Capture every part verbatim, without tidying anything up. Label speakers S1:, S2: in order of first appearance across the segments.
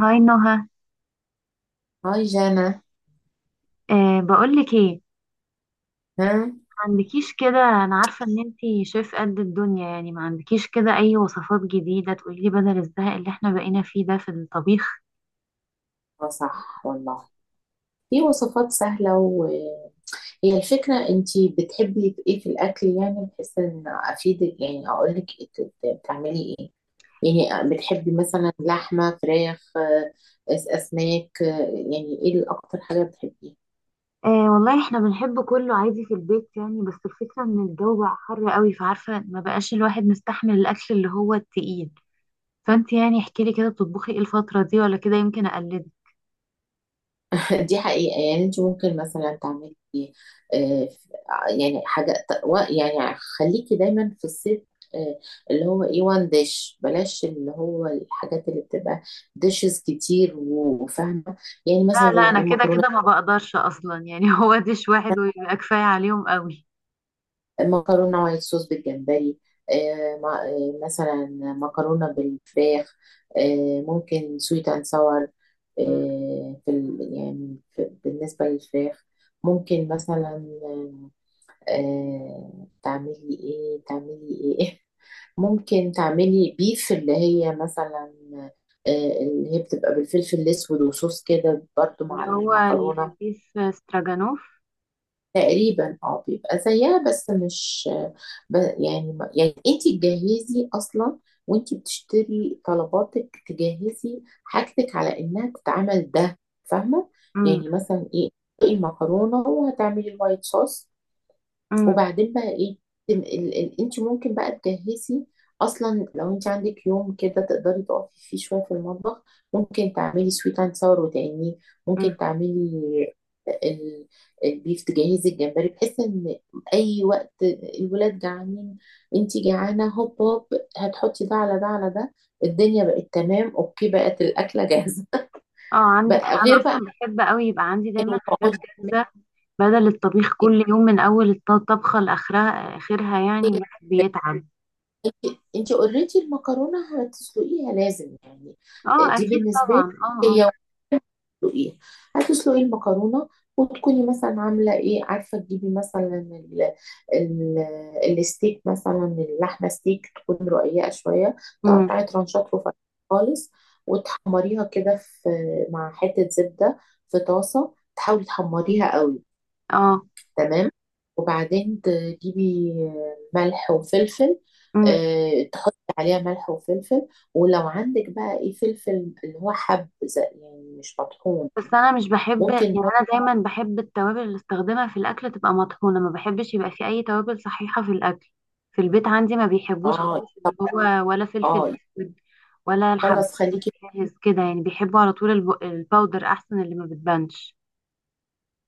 S1: هاي نهى.
S2: هاي جانا.
S1: أه، بقولك ايه.
S2: ها.
S1: ما عندكيش كده، انا عارفه ان انتي شيف قد الدنيا يعني. ما عندكيش كده اي وصفات جديده تقولي لي بدل الزهق اللي احنا بقينا فيه ده في الطبيخ؟
S2: آه، صح والله. في وصفات سهلة، وهي الفكرة، انتي بتحبي ايه في الاكل يعني بحيث ان افيدك يعني اقول لك بتعملي ايه؟ يعني بتحبي مثلا لحمة فراخ، آه، أس- اسماك، آه، يعني ايه الاكتر حاجة بتحبيها؟
S1: أه والله احنا بنحب كله عادي في البيت يعني، بس الفكره ان الجو بقى حر قوي، فعارفه ما بقاش الواحد مستحمل الاكل اللي هو التقيل. فانتي يعني احكي لي كده، بتطبخي ايه الفتره دي ولا كده يمكن اقلدك.
S2: دي حقيقة يعني انت ممكن مثلا تعملي، آه، يعني حاجة و- يعني خليكي دايما في الصيف، آه، اللي هو ايه وان ديش، بلاش اللي هو الحاجات اللي بتبقى ديشز كتير وفاهمة. يعني
S1: لا
S2: مثلا
S1: لا،
S2: زي
S1: انا
S2: ايه،
S1: كده
S2: مكرونة،
S1: كده ما بقدرش اصلا يعني هو ديش واحد ويبقى كفايه عليهم قوي.
S2: مكرونة وايت صوص بالجمبري، آه، ما- آه، مثلا مكرونة بالفراخ، آه، ممكن سويت اند ساور. في ال- يعني في بالنسبة للفراخ ممكن مثلا، آه، تعملي ايه تعملي ايه. ممكن تعملي بيف اللي هي مثلا، آه، اللي هي بتبقى بالفلفل الاسود وصوص كده برضو
S1: اللي
S2: مع
S1: هو
S2: المكرونه.
S1: البيف استراجانوف.
S2: تقريبا اه بيبقى زيها بس مش، ب- يعني ما- يعني انت تجهزي اصلا وانت بتشتري طلباتك، تجهزي حاجتك على انها تتعمل ده. فاهمه؟
S1: امم.
S2: يعني مثلا ايه، المكرونه وهتعملي الوايت صوص،
S1: امم.
S2: وبعدين بقى ايه، تم- ال- ال- انت ممكن بقى تجهزي اصلا. لو انت عندك يوم كده تقدري تقفي فيه شويه في المطبخ، ممكن تعملي سويت اند ساور، وتاني
S1: امم.
S2: ممكن تعملي ال- البيف، تجهزي الجمبري، بحيث ان اي وقت الولاد جعانين، انت جعانه، هوب هوب، هتحطي ده على ده على ده، الدنيا بقت تمام. اوكي، بقت الاكله جاهزه.
S1: اه عندك
S2: بقى
S1: حق، انا
S2: غير
S1: اصلا
S2: بقى
S1: بحب قوي يبقى عندي دايما حاجات
S2: وتقعدي.
S1: جاهزه، بدل الطبيخ كل يوم من اول الط- الطبخه لاخرها، اخرها يعني الواحد بيتعب.
S2: انت، انت اوريدي المكرونه هتسلقيها لازم، يعني آه،
S1: اه
S2: دي
S1: اكيد
S2: بالنسبه لي
S1: طبعا، اه اه.
S2: هي. وتسلقيها، هتسلقي المكرونه، وتكوني مثلا عامله ايه، عارفه تجيبي مثلا ال ال الستيك، مثلا اللحمه ستيك تكون رقيقه شويه،
S1: امم.
S2: تقطعي ترانشات رفيعه خالص، وتحمريها كده في، مع حته زبده، في طاسه، تحاولي تحمريها قوي.
S1: اه.
S2: تمام. وبعدين تجيبي ملح وفلفل،
S1: امم.
S2: آه، تحطي عليها ملح وفلفل. ولو عندك بقى ايه فلفل اللي هو حب، زي- يعني مش مطحون،
S1: بس انا مش بحب يعني،
S2: ممكن برضه-
S1: انا دايما بحب التوابل اللي استخدمها في الاكل تبقى مطحونه، ما بحبش يبقى في اي توابل صحيحه في الاكل. في البيت عندي ما بيحبوش
S2: اه
S1: خالص اللي هو، ولا فلفل
S2: اه،
S1: اسود ولا الحب
S2: خلاص خليكي،
S1: جاهز كده يعني، بيحبوا على طول الب- الباودر احسن، اللي ما بتبانش.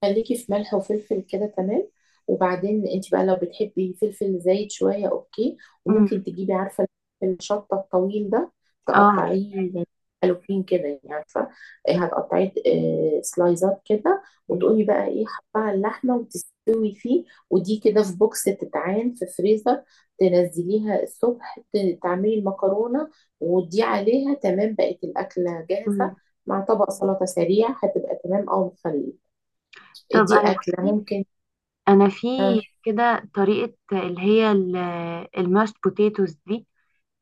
S2: خليكي في ملح وفلفل كده، تمام. وبعدين انت بقى لو بتحبي فلفل زايد شويه اوكي،
S1: امم.
S2: وممكن تجيبي، عارفه، الشطه الطويل ده
S1: اه عارفة.
S2: تقطعيه، يعني حلوين كده، يعني عارفه إيه، هتقطعيه آه، سلايزات كده.
S1: مم.
S2: وتقومي بقى ايه، حطها على اللحمه وتستوي فيه، ودي كده في بوكس تتعان في فريزر. تنزليها الصبح، ت- تعملي المكرونه، ودي عليها، تمام، بقت الاكله جاهزه
S1: مم.
S2: مع طبق سلطه سريع، هتبقى تمام، او مخليه.
S1: طب
S2: دي
S1: انا
S2: أكلة
S1: بصي،
S2: ممكن.
S1: انا في
S2: اه
S1: كده طريقة اللي هي الماشت بوتيتوز دي،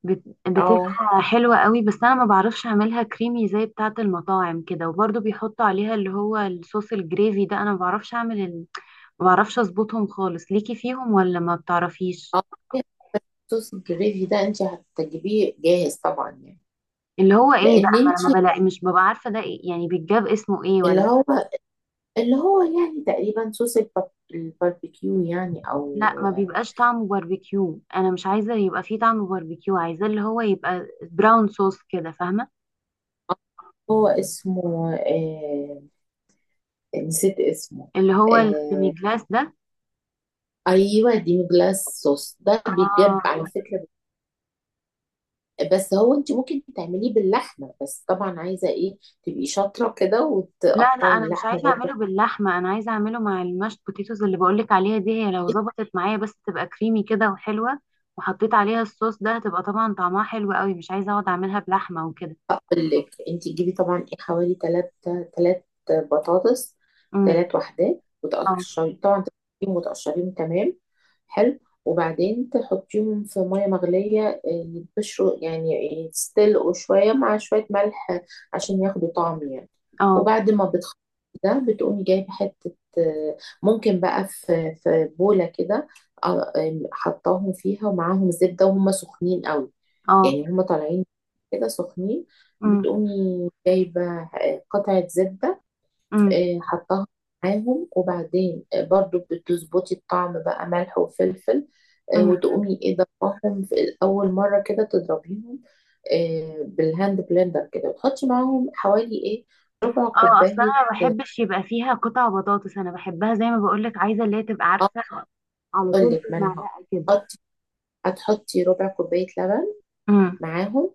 S1: بت-
S2: اه.
S1: بتبقى حلوة قوي، بس انا ما بعرفش اعملها كريمي زي بتاعة المطاعم كده، وبرضو بيحطوا عليها اللي هو الصوص الجريفي ده، انا ما بعرفش اعمل ال... ما بعرفش اظبطهم خالص، ليكي فيهم ولا ما بتعرفيش؟
S2: آه. صوص الجريفي ده انت هتجيبيه جاهز طبعا، يعني
S1: اللي هو ايه بقى،
S2: لان
S1: ما انا
S2: انت،
S1: ما بلاقي، مش ببقى عارفة ده إيه يعني، بيتجاب اسمه ايه
S2: اللي
S1: ولا؟
S2: هو، اللي هو يعني تقريبا صوص البار- الباربيكيو، يعني
S1: لا،
S2: او
S1: ما
S2: آه،
S1: بيبقاش طعمه باربيكيو، انا مش عايزه يبقى فيه طعم باربيكيو، عايزه اللي هو يبقى براون صوص كده، فاهمه؟
S2: هو اسمه آه، نسيت اسمه.
S1: اللي هو السيمي
S2: آه
S1: جلاس ده.
S2: ايوه، ديمي جلاس صوص ده بيتجاب
S1: اه.
S2: على فكره. بس هو انت ممكن تعمليه باللحمه، بس طبعا عايزه ايه، تبقي شاطره كده
S1: لا لا،
S2: وتقطعي
S1: انا مش
S2: اللحمه
S1: عايزه
S2: برضه.
S1: اعمله باللحمه، انا عايزه اعمله مع المشت بوتيتوز اللي بقولك عليها دي، هي لو ظبطت معايا بس تبقى كريمي كده وحلوه وحطيت عليها الصوص ده هتبقى طبعا طعمها حلو قوي، مش عايزه اقعد اعملها بلحمه وكده.
S2: هقول لك، انت تجيبي طبعا ايه حوالي تلات، تلات بطاطس،
S1: امم.
S2: تلات وحدات،
S1: اه.
S2: وتقشري طبعا، تقشريهم وتقشريهم تمام، حلو. وبعدين تحطيهم في ميه مغليه، آه، يتبشروا يعني، يتسلقوا شويه مع شويه ملح عشان ياخدوا طعم، يعني.
S1: اه.
S2: وبعد ما بتخلصي ده، بتقومي جايبه حته، آه، ممكن بقى في في بوله كده، آه، آه، حطاهم فيها ومعاهم زبده وهم سخنين قوي،
S1: اه.
S2: يعني هما طالعين كده سخنين.
S1: امم.
S2: بتقومي جايبة آه، قطعة زبدة، آه، حطها معاهم. وبعدين آه، برضو بتظبطي الطعم بقى، ملح وفلفل، آه،
S1: امم.
S2: وتقومي ايه ضربهم في، أول مرة كده تضربيهم، آه، بالهاند بلندر كده، وتحطي معاهم حوالي ايه، ربع
S1: اه اصلا
S2: كوباية.
S1: انا ما بحبش يبقى فيها قطع بطاطس، انا بحبها زي ما بقولك، عايزه اللي هي تبقى
S2: اه
S1: عارفه، على
S2: أقول
S1: طول
S2: لك،
S1: في
S2: ما أنا هقول.
S1: المعلقه كده.
S2: هتحطي، هتحطي ربع كوباية لبن
S1: امم.
S2: معاهم،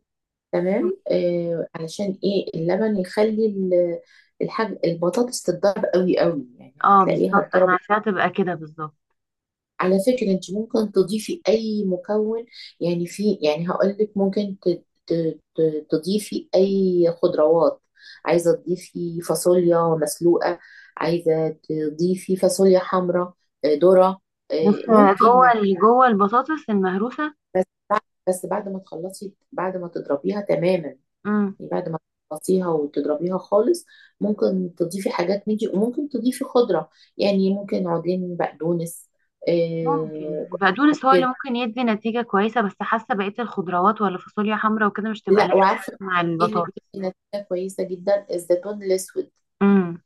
S2: تمام آه، علشان ايه اللبن يخلي ال- الحاج البطاطس تتضرب قوي قوي، يعني
S1: اه
S2: هتلاقيها
S1: بالظبط، انا
S2: اتضربت.
S1: عايزاها تبقى كده بالظبط.
S2: على فكرة انت ممكن تضيفي اي مكون، يعني في يعني هقول لك ممكن ت- ت- ت- تضيفي اي خضروات، عايزة تضيفي فاصوليا مسلوقة، عايزة تضيفي فاصوليا حمراء، آه، ذرة،
S1: بس
S2: آه، ممكن
S1: جوه
S2: مع،
S1: ال- جوه البطاطس المهروسه.
S2: بس بعد بس بعد ما تخلصي، بعد ما تضربيها تماما،
S1: امم.
S2: بعد ما تخلصيها وتضربيها خالص، ممكن تضيفي حاجات من دي، وممكن تضيفي خضرة، يعني ممكن عودين بقدونس،
S1: ممكن
S2: آه
S1: البقدونس هو اللي
S2: كده.
S1: ممكن يدي نتيجه كويسه، بس حاسه بقيه الخضروات ولا فاصوليا حمراء وكده مش تبقى
S2: لا
S1: لايقه قوي
S2: وعارفة
S1: مع
S2: ايه اللي
S1: البطاطس.
S2: بيدي نتيجة كويسة جدا، الزيتون الأسود
S1: امم.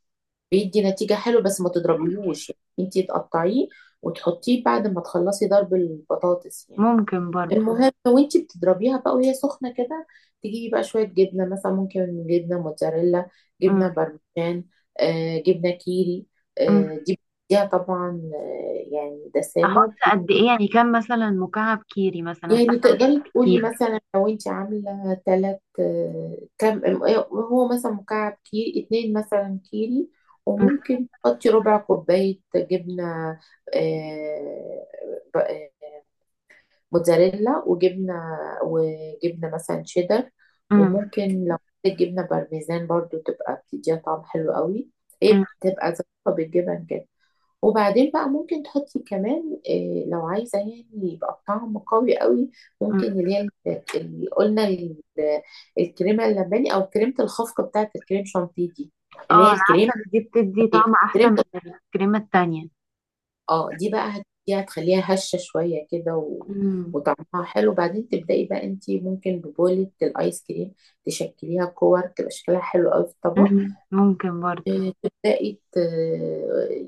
S2: بيدي نتيجة حلوة، بس ما
S1: ممكن.
S2: تضربيهوش، يعني انتي تقطعيه وتحطيه بعد ما تخلصي ضرب البطاطس، يعني.
S1: ممكن برضو.
S2: المهم، وانتي بتضربيها بقى وهي سخنة كده، تجيبي بقى شوية جبنة، مثلا ممكن جبنة موتزاريلا،
S1: امم.
S2: جبنة بارميجان، آه جبنة كيري،
S1: امم.
S2: آه دي بتديها طبعا آه يعني دسامة
S1: احط
S2: وبت...
S1: قد ايه يعني، كام مثلا مكعب كيري مثلا، أصل
S2: يعني
S1: احنا بنحب
S2: تقدري تقولي،
S1: الكيري.
S2: مثلا لو انتي عاملة تلات آه كم، آه، هو مثلا مكعب كيري، اتنين مثلا كيري، وممكن تحطي ربع كوباية جبنة آه موتزاريلا، وجبنة وجبنة مثلا شيدر. وممكن لو حطيت جبنة بارميزان برضو تبقى بتديها طعم حلو قوي، هي
S1: امم.
S2: بتبقى ظابطة بالجبن كده. وبعدين بقى ممكن تحطي كمان إيه لو عايزة يعني يبقى الطعم قوي قوي،
S1: مم.
S2: ممكن اللي هي، ال- اللي قلنا ال- الكريمة اللباني، أو كريمة الخفق بتاعة الكريم شانتيه دي،
S1: اه
S2: اللي هي
S1: انا عارفه
S2: الكريمة،
S1: ان دي بتدي طعم احسن
S2: كريمه.
S1: من الكريمه التانية.
S2: اه دي بقى هت- دي هتخليها هشة شوية كده و...
S1: مم.
S2: وطعمها حلو. بعدين تبدأي بقى انتي ممكن ببولة الايس كريم تشكليها كور، تبقى شكلها حلو قوي في الطبق،
S1: مم. ممكن برضو.
S2: آه، تبدأي ت...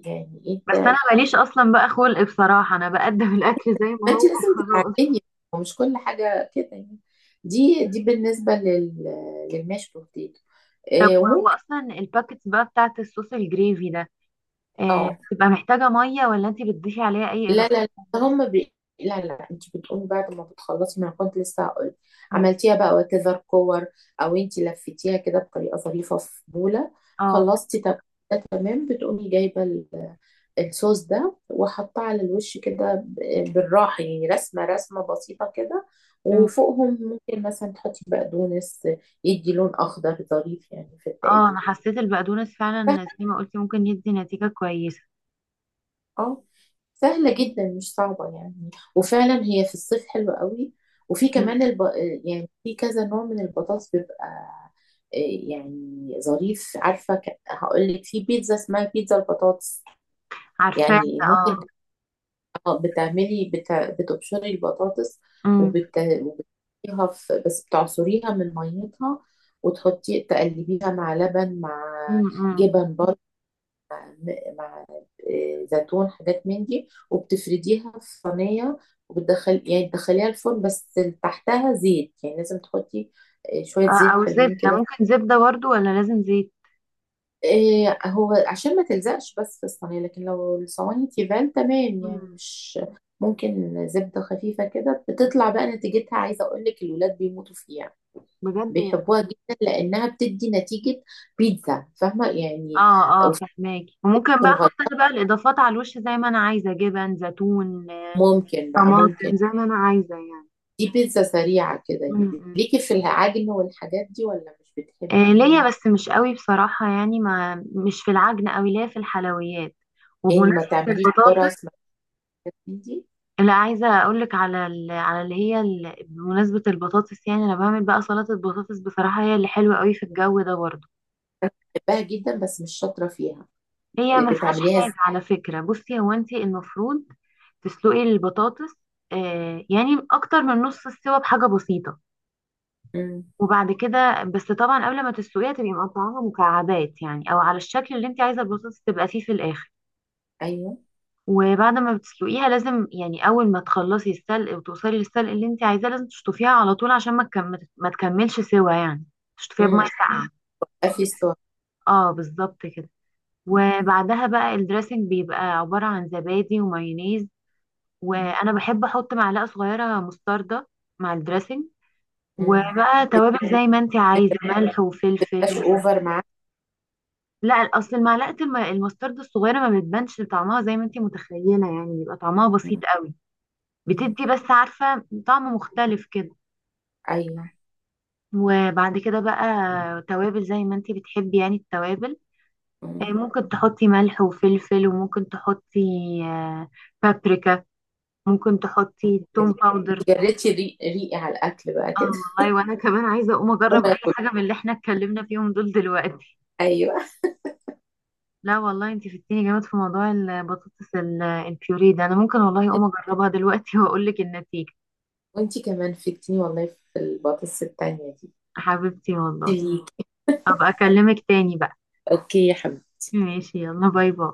S2: يعني ايه
S1: بس انا
S2: ت-
S1: ماليش اصلا بقى خلق بصراحه، انا بقدم الاكل زي ما
S2: ما
S1: هو.
S2: انتي لازم
S1: خلاص.
S2: تتعلمي، ومش كل حاجة كده، يعني. دي دي بالنسبة لل... للماش بوتيتو،
S1: طب
S2: آه،
S1: هو
S2: وممكن،
S1: اصلا الباكتس بقى بتاعت الصوص الجريفي ده، آه،
S2: اه
S1: بتبقى محتاجه ميه ولا انتي بتضيفي عليها اي
S2: لا
S1: اضافات؟
S2: لا لا، هم بي... لا لا، انت بتقومي بعد ما بتخلصي، ما أنا كنت لسه هقول،
S1: مم.
S2: عملتيها بقى وكذا كور، او انت لفتيها كده بطريقه ظريفه في بوله،
S1: اه.
S2: خلصتي تك- ده تمام، بتقومي جايبه ال- الصوص ده، وحطاه على الوش كده ب- بالراحه، يعني رسمه رسمه بسيطه كده،
S1: مم.
S2: وفوقهم ممكن مثلا تحطي بقدونس، يدي لون اخضر ظريف يعني في
S1: اه
S2: التقديم.
S1: انا حسيت البقدونس فعلا زي ما قلتي ممكن يدي نتيجه كويسه.
S2: اه سهلة جدا، مش صعبة يعني، وفعلا هي في الصيف حلوة قوي. وفي
S1: مم.
S2: كمان الب... يعني في كذا نوع من البطاطس بيبقى، آه، يعني ظريف، عارفة ك... هقول لك في بيتزا اسمها بيتزا البطاطس،
S1: عارفاه
S2: يعني
S1: ده، اه.
S2: ممكن ت- بتعملي بت... بتبشري البطاطس،
S1: مم.
S2: وبت... وبتحطيها في... بس بتعصريها من ميتها، وتحطي تقلبيها مع لبن، مع
S1: مم. مم.
S2: جبن، مع آه، زيتون، حاجات من دي، وبتفرديها في صينية، وبتدخل يعني تدخليها الفرن، بس تحتها زيت، يعني لازم تحطي آه، شوية
S1: آه،
S2: زيت
S1: او
S2: حلوين
S1: زبده،
S2: كده.
S1: ممكن زبده برضو ولا لازم
S2: إيه، هو عشان ما تلزقش بس في الصينية، لكن لو الصواني تيفال تمام، يعني
S1: زيت؟
S2: مش، ممكن زبدة خفيفة كده، بتطلع بقى نتيجتها، عايزة أقول لك الولاد بيموتوا فيها،
S1: بجد والله.
S2: بيحبوها جدا، لأنها بتدي نتيجة بيتزا، فاهمة يعني.
S1: اه اه
S2: وفي
S1: فهماكي، وممكن بقى احط
S2: مغ-
S1: انا بقى الاضافات على الوش زي ما انا عايزه، جبن، زيتون، آه،
S2: ممكن بقى
S1: طماطم،
S2: ممكن،
S1: كان زي ما انا عايزه يعني.
S2: دي بيتزا سريعة كده،
S1: م-
S2: يعني
S1: م.
S2: ليكي في العجن والحاجات دي، ولا مش بتحبي؟
S1: آه، ليا بس مش قوي بصراحه، يعني ما مش في العجن قوي، ليا في الحلويات.
S2: يعني ما
S1: وبمناسبه
S2: تعمليش
S1: البطاطس،
S2: قرص ما الحاجات من دي.
S1: اللي عايزه اقول لك على ال... على اللي هي ال... بمناسبه البطاطس يعني انا بعمل بقى سلطه بطاطس، بصراحه هي اللي حلوه قوي في الجو ده برضه.
S2: أنا بحبها جدا بس مش شاطرة فيها،
S1: هي ما فيهاش
S2: بتعمليها
S1: حاجة
S2: ازاي؟
S1: على فكرة، بصي هو انت المفروض تسلقي البطاطس، آه يعني اكتر من نص السوا بحاجة بسيطة.
S2: مم.
S1: وبعد كده، بس طبعا قبل ما تسلقيها تبقي مقطعاها مكعبات يعني، او على الشكل اللي انت عايزة البطاطس تبقى فيه في الاخر.
S2: أيوه.
S1: وبعد ما بتسلقيها لازم يعني، اول ما تخلصي السلق وتوصلي للسلق اللي انت عايزاه لازم تشطفيها على طول عشان ما تكم... ما تكملش سوا يعني، تشطفيها بميه
S2: مم.
S1: ساقعة.
S2: بيبقى في سوا.
S1: اه بالظبط كده. وبعدها بقى الدريسنج بيبقى عبارة عن زبادي ومايونيز،
S2: مم.
S1: وانا بحب احط معلقه صغيره مستردة مع الدريسنج،
S2: مم.
S1: وبقى
S2: بت-
S1: توابل زي ما انت عايزه، ملح
S2: بتبقاش
S1: وفلفل.
S2: أوفر معاك؟
S1: لا اصل المعلقه الم... المستردة الصغيره ما بتبانش طعمها زي ما انت متخيله يعني، بيبقى طعمها
S2: مم.
S1: بسيط قوي.
S2: مم.
S1: بتدي بس عارفه طعم مختلف كده.
S2: أيوه.
S1: وبعد كده بقى توابل زي ما انت بتحبي يعني، التوابل، آه،
S2: مم.
S1: ممكن تحطي ملح وفلفل، وممكن تحطي آه، بابريكا، ممكن تحطي توم
S2: يعني
S1: باودر.
S2: جريتي ري- ريقي على الأكل بقى
S1: اه
S2: كده.
S1: والله، وانا كمان عايزه اقوم
S2: وما
S1: اجرب اي
S2: أكل.
S1: حاجه من اللي احنا اتكلمنا فيهم دول دلوقتي.
S2: أيوه،
S1: لا والله انت فدتيني جامد في موضوع البطاطس ال- البيوري ده، انا ممكن والله اقوم اجربها دلوقتي واقول لك النتيجه.
S2: وانتي كمان فدتيني والله في البطاطس التانية دي.
S1: حبيبتي والله،
S2: ليك.
S1: ابقى اكلمك تاني بقى.
S2: أوكي يا حبيبتي.
S1: ماشي، يلا، باي باي.